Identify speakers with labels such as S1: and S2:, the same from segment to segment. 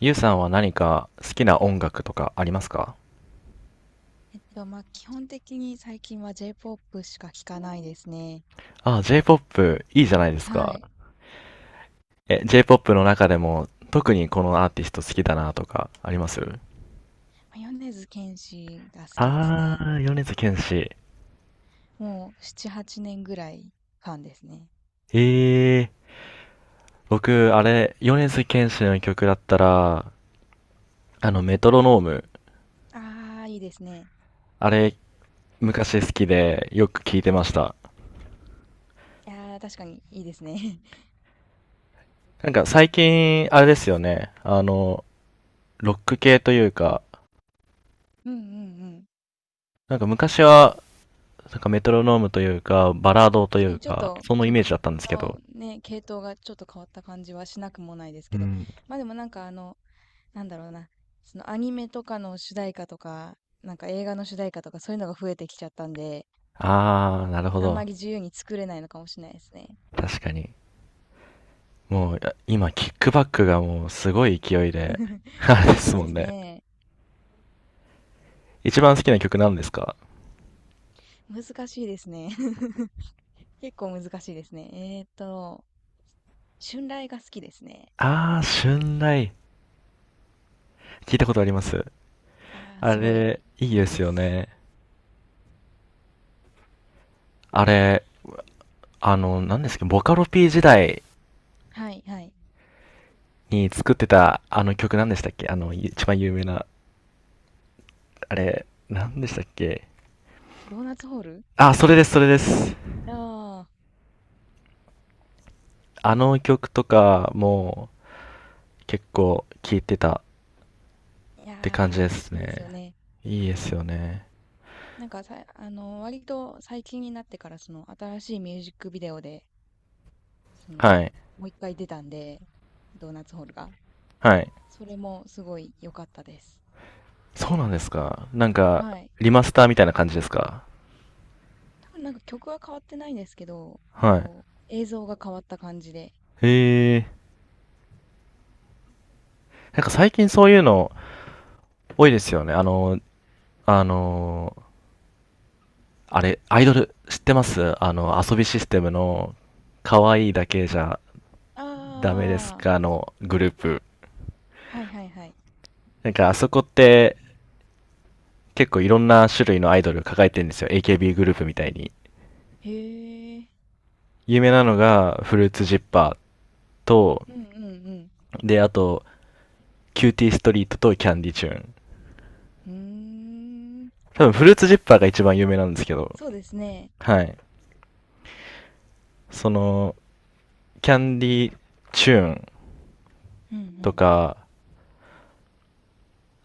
S1: ゆうさんは何か好きな音楽とかありますか？
S2: まあ、基本的に最近は J-POP しか聞かないですね。
S1: あ、J-POP いいじゃないです
S2: は
S1: か。
S2: い。
S1: え、J-POP の中でも特にこのアーティスト好きだなとかあります？
S2: ま、米津玄師が好きです
S1: あ
S2: ね。
S1: ー、米津玄師。
S2: もう7、8年ぐらいファンですね。
S1: えー、僕、あれ、米津玄師の曲だったら、あの、メトロノーム。
S2: ああ、いいですね。
S1: あれ、昔好きでよく聴いてました。
S2: いやー、確かにいいですね。
S1: なんか最近、あれですよね。あの、ロック系というか、
S2: うんうんうん。
S1: なんか昔はなんかメトロノームというか、バラードとい
S2: 確か
S1: う
S2: にちょっ
S1: か、
S2: と
S1: そのイメー
S2: 曲
S1: ジだったんですけ
S2: の
S1: ど。
S2: ね、系統がちょっと変わった感じはしなくもないです
S1: う
S2: けど、
S1: ん。
S2: ま、でもなんかなんだろうな、そのアニメとかの主題歌とか、なんか映画の主題歌とかそういうのが増えてきちゃったんで、
S1: あー、なるほ
S2: あんま
S1: ど。
S2: り自由に作れないのかもしれないですね。
S1: 確かに。もう、いや今、キックバックがもうすごい勢いで、あれです
S2: そう
S1: も
S2: で
S1: ん
S2: す
S1: ね。
S2: ね。
S1: 一番好きな曲なんですか？
S2: 難しいですね。結構難しいですね。春雷が好きですね。
S1: あー、春雷。聞いたことあります。
S2: ああ、
S1: あ
S2: すごい
S1: れ、いい
S2: い
S1: で
S2: い
S1: す
S2: で
S1: よ
S2: す。
S1: ね。あれ、あの、何ですか、ボカロ P 時代
S2: はい、はい。
S1: に作ってた、あの曲何でしたっけ、あの、一番有名な、あれ、何でしたっけ？
S2: ドーナツホール
S1: あ、それです、それです。
S2: ああ
S1: あの曲とかも結構聴いてた
S2: ー、いや
S1: って感じ
S2: ー、
S1: です
S2: いいです
S1: ね。
S2: よね。
S1: いいですよね。
S2: なんかさ、割と最近になってから、新しいミュージックビデオで、その、
S1: はい。
S2: もう一回出たんで、ドーナツホールが。
S1: はい。
S2: それもすごい良かったです。
S1: そうなんですか。なんか、
S2: はい。
S1: リマスターみたいな感じですか。
S2: 多分なんか曲は変わってないんですけど、
S1: はい。
S2: こう、映像が変わった感じで。
S1: へえ。なんか最近そういうの多いですよね。あの、あの、あれ、アイドル知ってます？あの、遊びシステムの、可愛いだけじゃ
S2: あ
S1: ダメです
S2: あ、
S1: かのグループ。
S2: はいはいはい。
S1: なんかあそこって結構いろんな種類のアイドル抱えてるんですよ。AKB グループみたいに。
S2: へえ、
S1: 有名なのがフルーツジッパーと、
S2: うんうん
S1: で、あと、キューティーストリートとキャンディチューン。
S2: うん。うーん、
S1: 多分フルーツジッパーが一番有名なんですけど、
S2: そうですね。
S1: はい。その、キャンディチューン
S2: うんう
S1: と
S2: ん。
S1: か、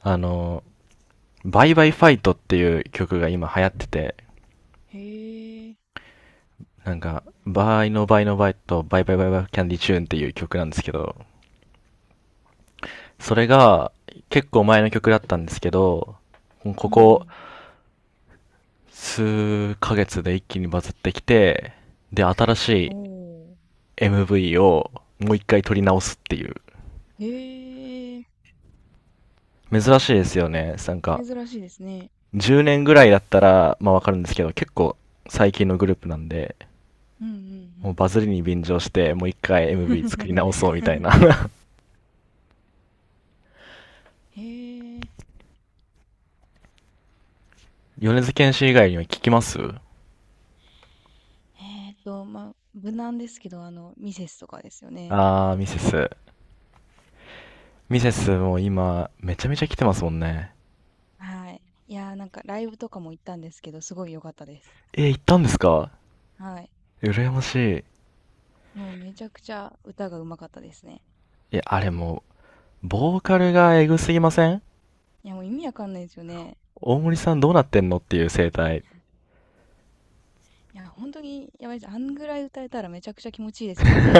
S1: あの、バイバイファイトっていう曲が今流行ってて、
S2: へえ、
S1: なんか、バイのバイのバイとバイバイバイバイキャンディチューンっていう曲なんですけど、それが結構前の曲だったんですけど、こ
S2: うんう
S1: こ
S2: ん。
S1: 数ヶ月で一気にバズってきて、で、新し
S2: お
S1: い
S2: ー、
S1: MV をもう一回撮り直すっていう。
S2: へえ、
S1: 珍しいですよね。なんか、
S2: 珍しいですね。
S1: 10年ぐらいだったら、まあわかるんですけど、結構最近のグループなんで、
S2: うんうんう
S1: もう
S2: ん。
S1: バズりに便乗して、もう一回 MV 作り直そうみたいな。
S2: へえ。
S1: 米津玄師以外には聞きます？
S2: まあ、無難ですけど、ミセスとかですよね。
S1: あー、ミセス。ミセスも今、めちゃめちゃ来てますもんね。
S2: はい。いやー、なんかライブとかも行ったんですけど、すごい良かったです。
S1: えー、行ったんですか？
S2: はい。
S1: 羨ましい。
S2: もうめちゃくちゃ歌が上手かったですね。
S1: いや、あれもう、ボーカルがエグすぎません？
S2: いや、もう意味わかんないですよね。
S1: 大森さんどうなってんのっていう生態。
S2: いや、本当にやばいです。あんぐらい歌えたらめちゃくちゃ気持ちいいですよね。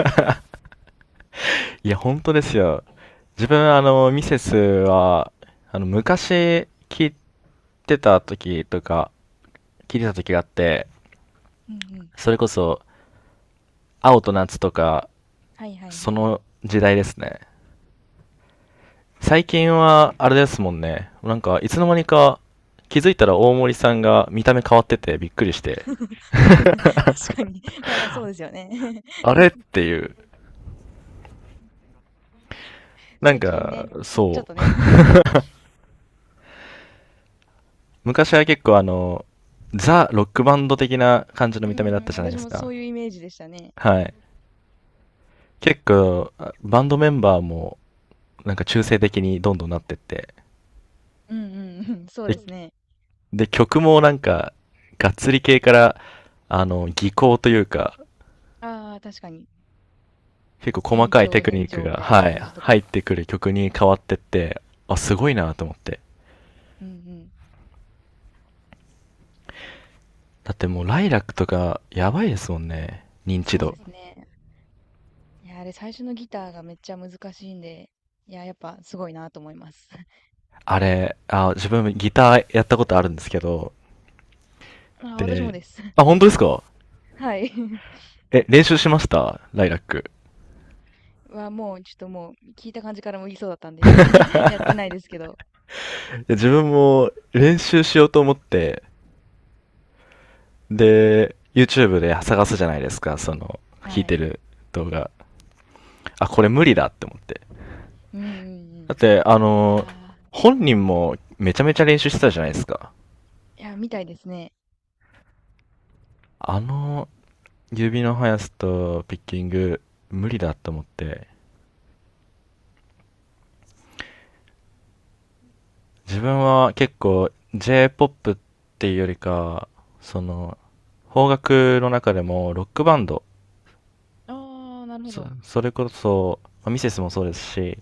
S1: いや、本当ですよ。自分、あの、ミセスは、あの、昔聞いてた時とか、聞いてた時があって、
S2: うんうん。
S1: それこそ、青と夏とか、
S2: はいはい
S1: そ
S2: はい。
S1: の時代ですね。最近は、あれですもんね。なんか、いつの間にか、気づいたら大森さんが見た目変わっててびっくりして、
S2: 確かに。まあ、そうですよね。
S1: あ れっていう。なん
S2: 最近
S1: か、
S2: ね、ちょっ
S1: そ
S2: と
S1: う。
S2: ね。
S1: 昔は結構あの、ザ・ロックバンド的な感じの
S2: う
S1: 見た目だった
S2: ん、
S1: じゃないで
S2: 私
S1: す
S2: もそ
S1: か。
S2: ういうイメージでしたね。
S1: はい。結構、あバンドメンバーも、なんか中性的にどんどんなってって、
S2: うんうんうん、そう
S1: で
S2: ですね。
S1: で曲もなんか、がっつり系から、あの、技巧というか、
S2: ああ、確かに。
S1: 結構細
S2: 変
S1: かいテ
S2: 調
S1: クニ
S2: 変
S1: ック
S2: 調
S1: が、
S2: みたいな
S1: はい、
S2: 感じと
S1: 入
S2: か。
S1: ってくる曲に変わってって、あ、すごいなと思って。
S2: うんうん。
S1: だってもう、ライラックとか、やばいですもんね、認知
S2: そう
S1: 度。
S2: ですね。いや、あれ最初のギターがめっちゃ難しいんで、いや、やっぱすごいなと思います。
S1: あれ、あ、自分ギターやったことあるんですけど、
S2: あ、私も
S1: で、
S2: です。
S1: あ、本当ですか？
S2: はい。
S1: え、練習しましたライラック。
S2: は、もうちょっともう聞いた感じからも言いそうだったんで、や、やってないですけど。
S1: で自分も練習しようと思って、で、YouTube で探すじゃないですか、その、弾い
S2: は
S1: て
S2: い。
S1: る動画。あ、これ無理だって思って。
S2: うんうんう
S1: だっ
S2: ん。
S1: て、あ
S2: い
S1: の、
S2: や
S1: 本人もめちゃめちゃ練習してたじゃないですか。
S2: ー、いや、みたいですね。
S1: あの、指の速さとピッキング、無理だって思って。自分は結構、J-POP っていうよりか、その、邦楽の中でもロックバンド、
S2: ああ、なるほ
S1: そ
S2: ど。
S1: それこそ、まあミセスもそうですし、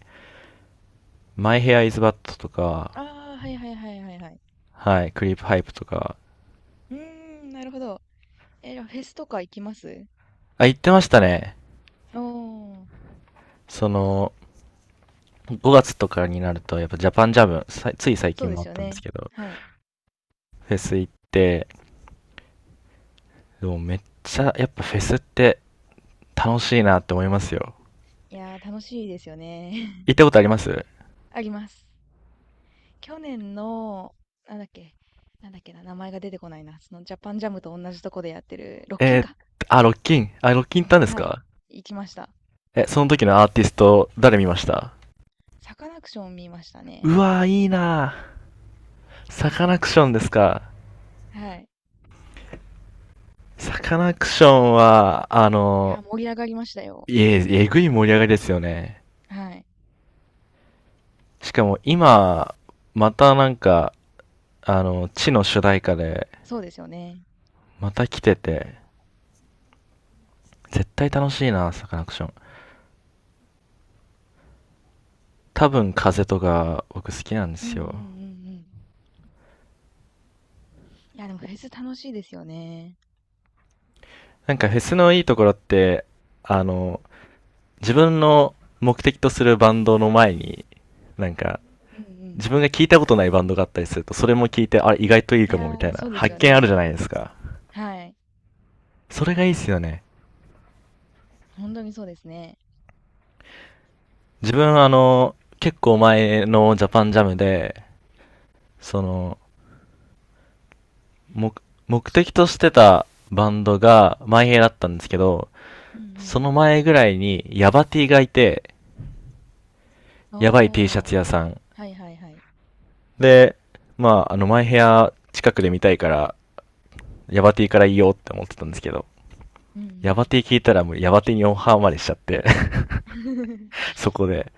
S1: My Hair is Bad とか、
S2: ああ、はいはいはいはいはい。
S1: はい、クリープハイプとか、
S2: うーん、なるほど。え、じゃあフェスとか行きます？
S1: あ、言ってましたね。
S2: おー、
S1: その、5月とかになると、やっぱジャパンジャム、さつい最
S2: そう
S1: 近
S2: で
S1: もあ
S2: す
S1: っ
S2: よ
S1: たんです
S2: ね。
S1: けど、
S2: はい。
S1: フェス行って、でもめっちゃ、やっぱフェスって楽しいなって思いますよ。
S2: いやー、楽しいですよね。
S1: 行ったことあります？
S2: あります。去年の、なんだっけ、なんだっけな、名前が出てこないな。そのジャパンジャムと同じとこでやってる、ロッキ
S1: え
S2: ン
S1: ー、
S2: か。
S1: あ、ロッキン。あ、ロッキン行ったんです
S2: はい。
S1: か？
S2: 行きました。
S1: え、その時のアーティスト、誰見ました？
S2: サカナクション見ましたね。
S1: うわー、いいなー。サカナクションですか。
S2: はい。
S1: サカナクションは、あ
S2: い
S1: の、
S2: や、盛り上がりましたよ。
S1: え、えぐい盛り上がりですよね。
S2: はい。
S1: しかも今、またなんか、あの、地の主題歌で、
S2: そうですよね。
S1: また来てて、絶対楽しいな、サカナクション。多分風とか、僕好きなんで
S2: うんう
S1: す
S2: んう
S1: よ。
S2: んうん。いや、でもフェス楽しいですよね。
S1: なんかフェスのいいところって、あの、自分の目的とするバンドの前に、なんか、
S2: うんうん。
S1: 自分が聞いたことないバンドがあったりすると、それも聞いて、あれ意外といい
S2: い
S1: か
S2: や
S1: も、みたい
S2: ー、そ
S1: な、
S2: うです
S1: 発
S2: よ
S1: 見あるじゃ
S2: ね。
S1: ないですか。
S2: はい。
S1: それがいいっすよね。
S2: 本当にそうですね。
S1: 自分あの、結構前のジャパンジャムで、その、目、目的としてたバンドが、マイヘイだったんですけど、
S2: う
S1: そ
S2: ん
S1: の前ぐらいに、ヤバ T がいて、
S2: うん。
S1: ヤバい T シャ
S2: おー。
S1: ツ屋さん。
S2: はいはいはい。
S1: で、まあ、あの、マイヘア近くで見たいから、ヤバ T からいいよって思ってたんですけど、
S2: う
S1: ヤ
S2: ん
S1: バ T 聞いたらもうヤバ T にオンハーまでしちゃって
S2: うん。
S1: そこで。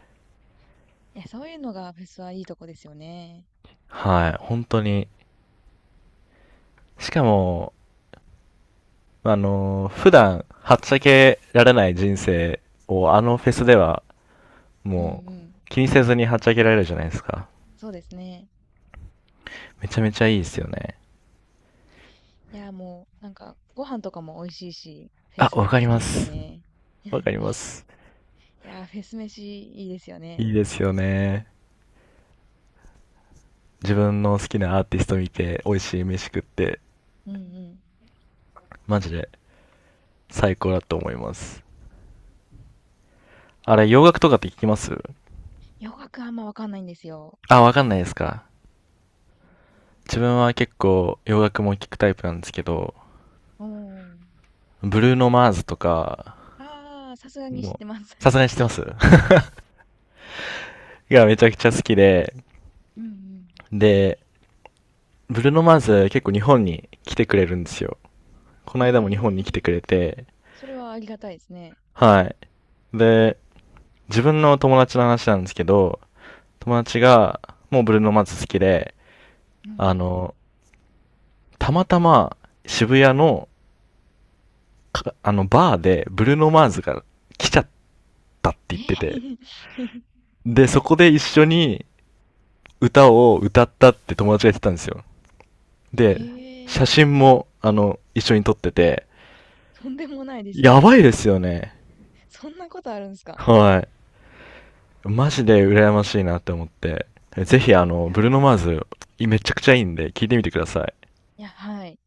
S2: いや、そういうのがフェスはいいとこですよね。
S1: はい、本当に。しかも、あのー普段、はっちゃけられない人生を、あのフェスでは、
S2: うんう
S1: もう、
S2: ん。
S1: 気にせずにはっちゃけられるじゃないですか。
S2: そうですね。
S1: めちゃめちゃいいですよね。
S2: いや、もう、なんか、ご飯とかも美味しいし、フェ
S1: あ、わ
S2: ス
S1: かり
S2: 好
S1: ま
S2: きです
S1: す。
S2: ね。
S1: わ かります。
S2: いや、フェス飯いいですよ
S1: い
S2: ね。
S1: いですよね。自分の好きなアーティスト見て、美味しい飯食って、
S2: うんうん。
S1: マジで最高だと思います。あれ、洋楽とかって聞きます？
S2: 洋楽あんまわかんないんですよ。
S1: あ、わかんないですか。自分は結構洋楽も聞くタイプなんですけど、
S2: おー。
S1: ブルーノ・マーズとか、
S2: ああ、さすがに知っ
S1: も
S2: てます。
S1: う、さ すがに知ってます がめちゃくちゃ好きで、
S2: うんうん。
S1: で、ブルーノ・マーズ結構日本に来てくれるんですよ。この間も日本に来
S2: へ
S1: て
S2: え、
S1: くれて、
S2: それはありがたいですね。
S1: はい。で、自分の友達の話なんですけど、友達が、もうブルーノマーズ好きで、
S2: うんう
S1: あ
S2: ん。
S1: の、たまたま渋谷の、あの、バーでブルーノマーズが来ちゃったって言ってて、
S2: ええ
S1: で、そこで一緒に歌を歌ったって友達が言ってたんですよ。で、
S2: へ
S1: 写
S2: え、
S1: 真も、あの、一緒に撮ってて、
S2: とんでもないです
S1: や
S2: ね。
S1: ばいですよね。
S2: そんなことあるんですか？
S1: はい。マジで羨ましいなって思って。ぜひ、あ
S2: い
S1: の、
S2: や
S1: ブルーノマー
S2: ー、
S1: ズ、めちゃくちゃいいんで、聞いてみてください。
S2: いや、はい。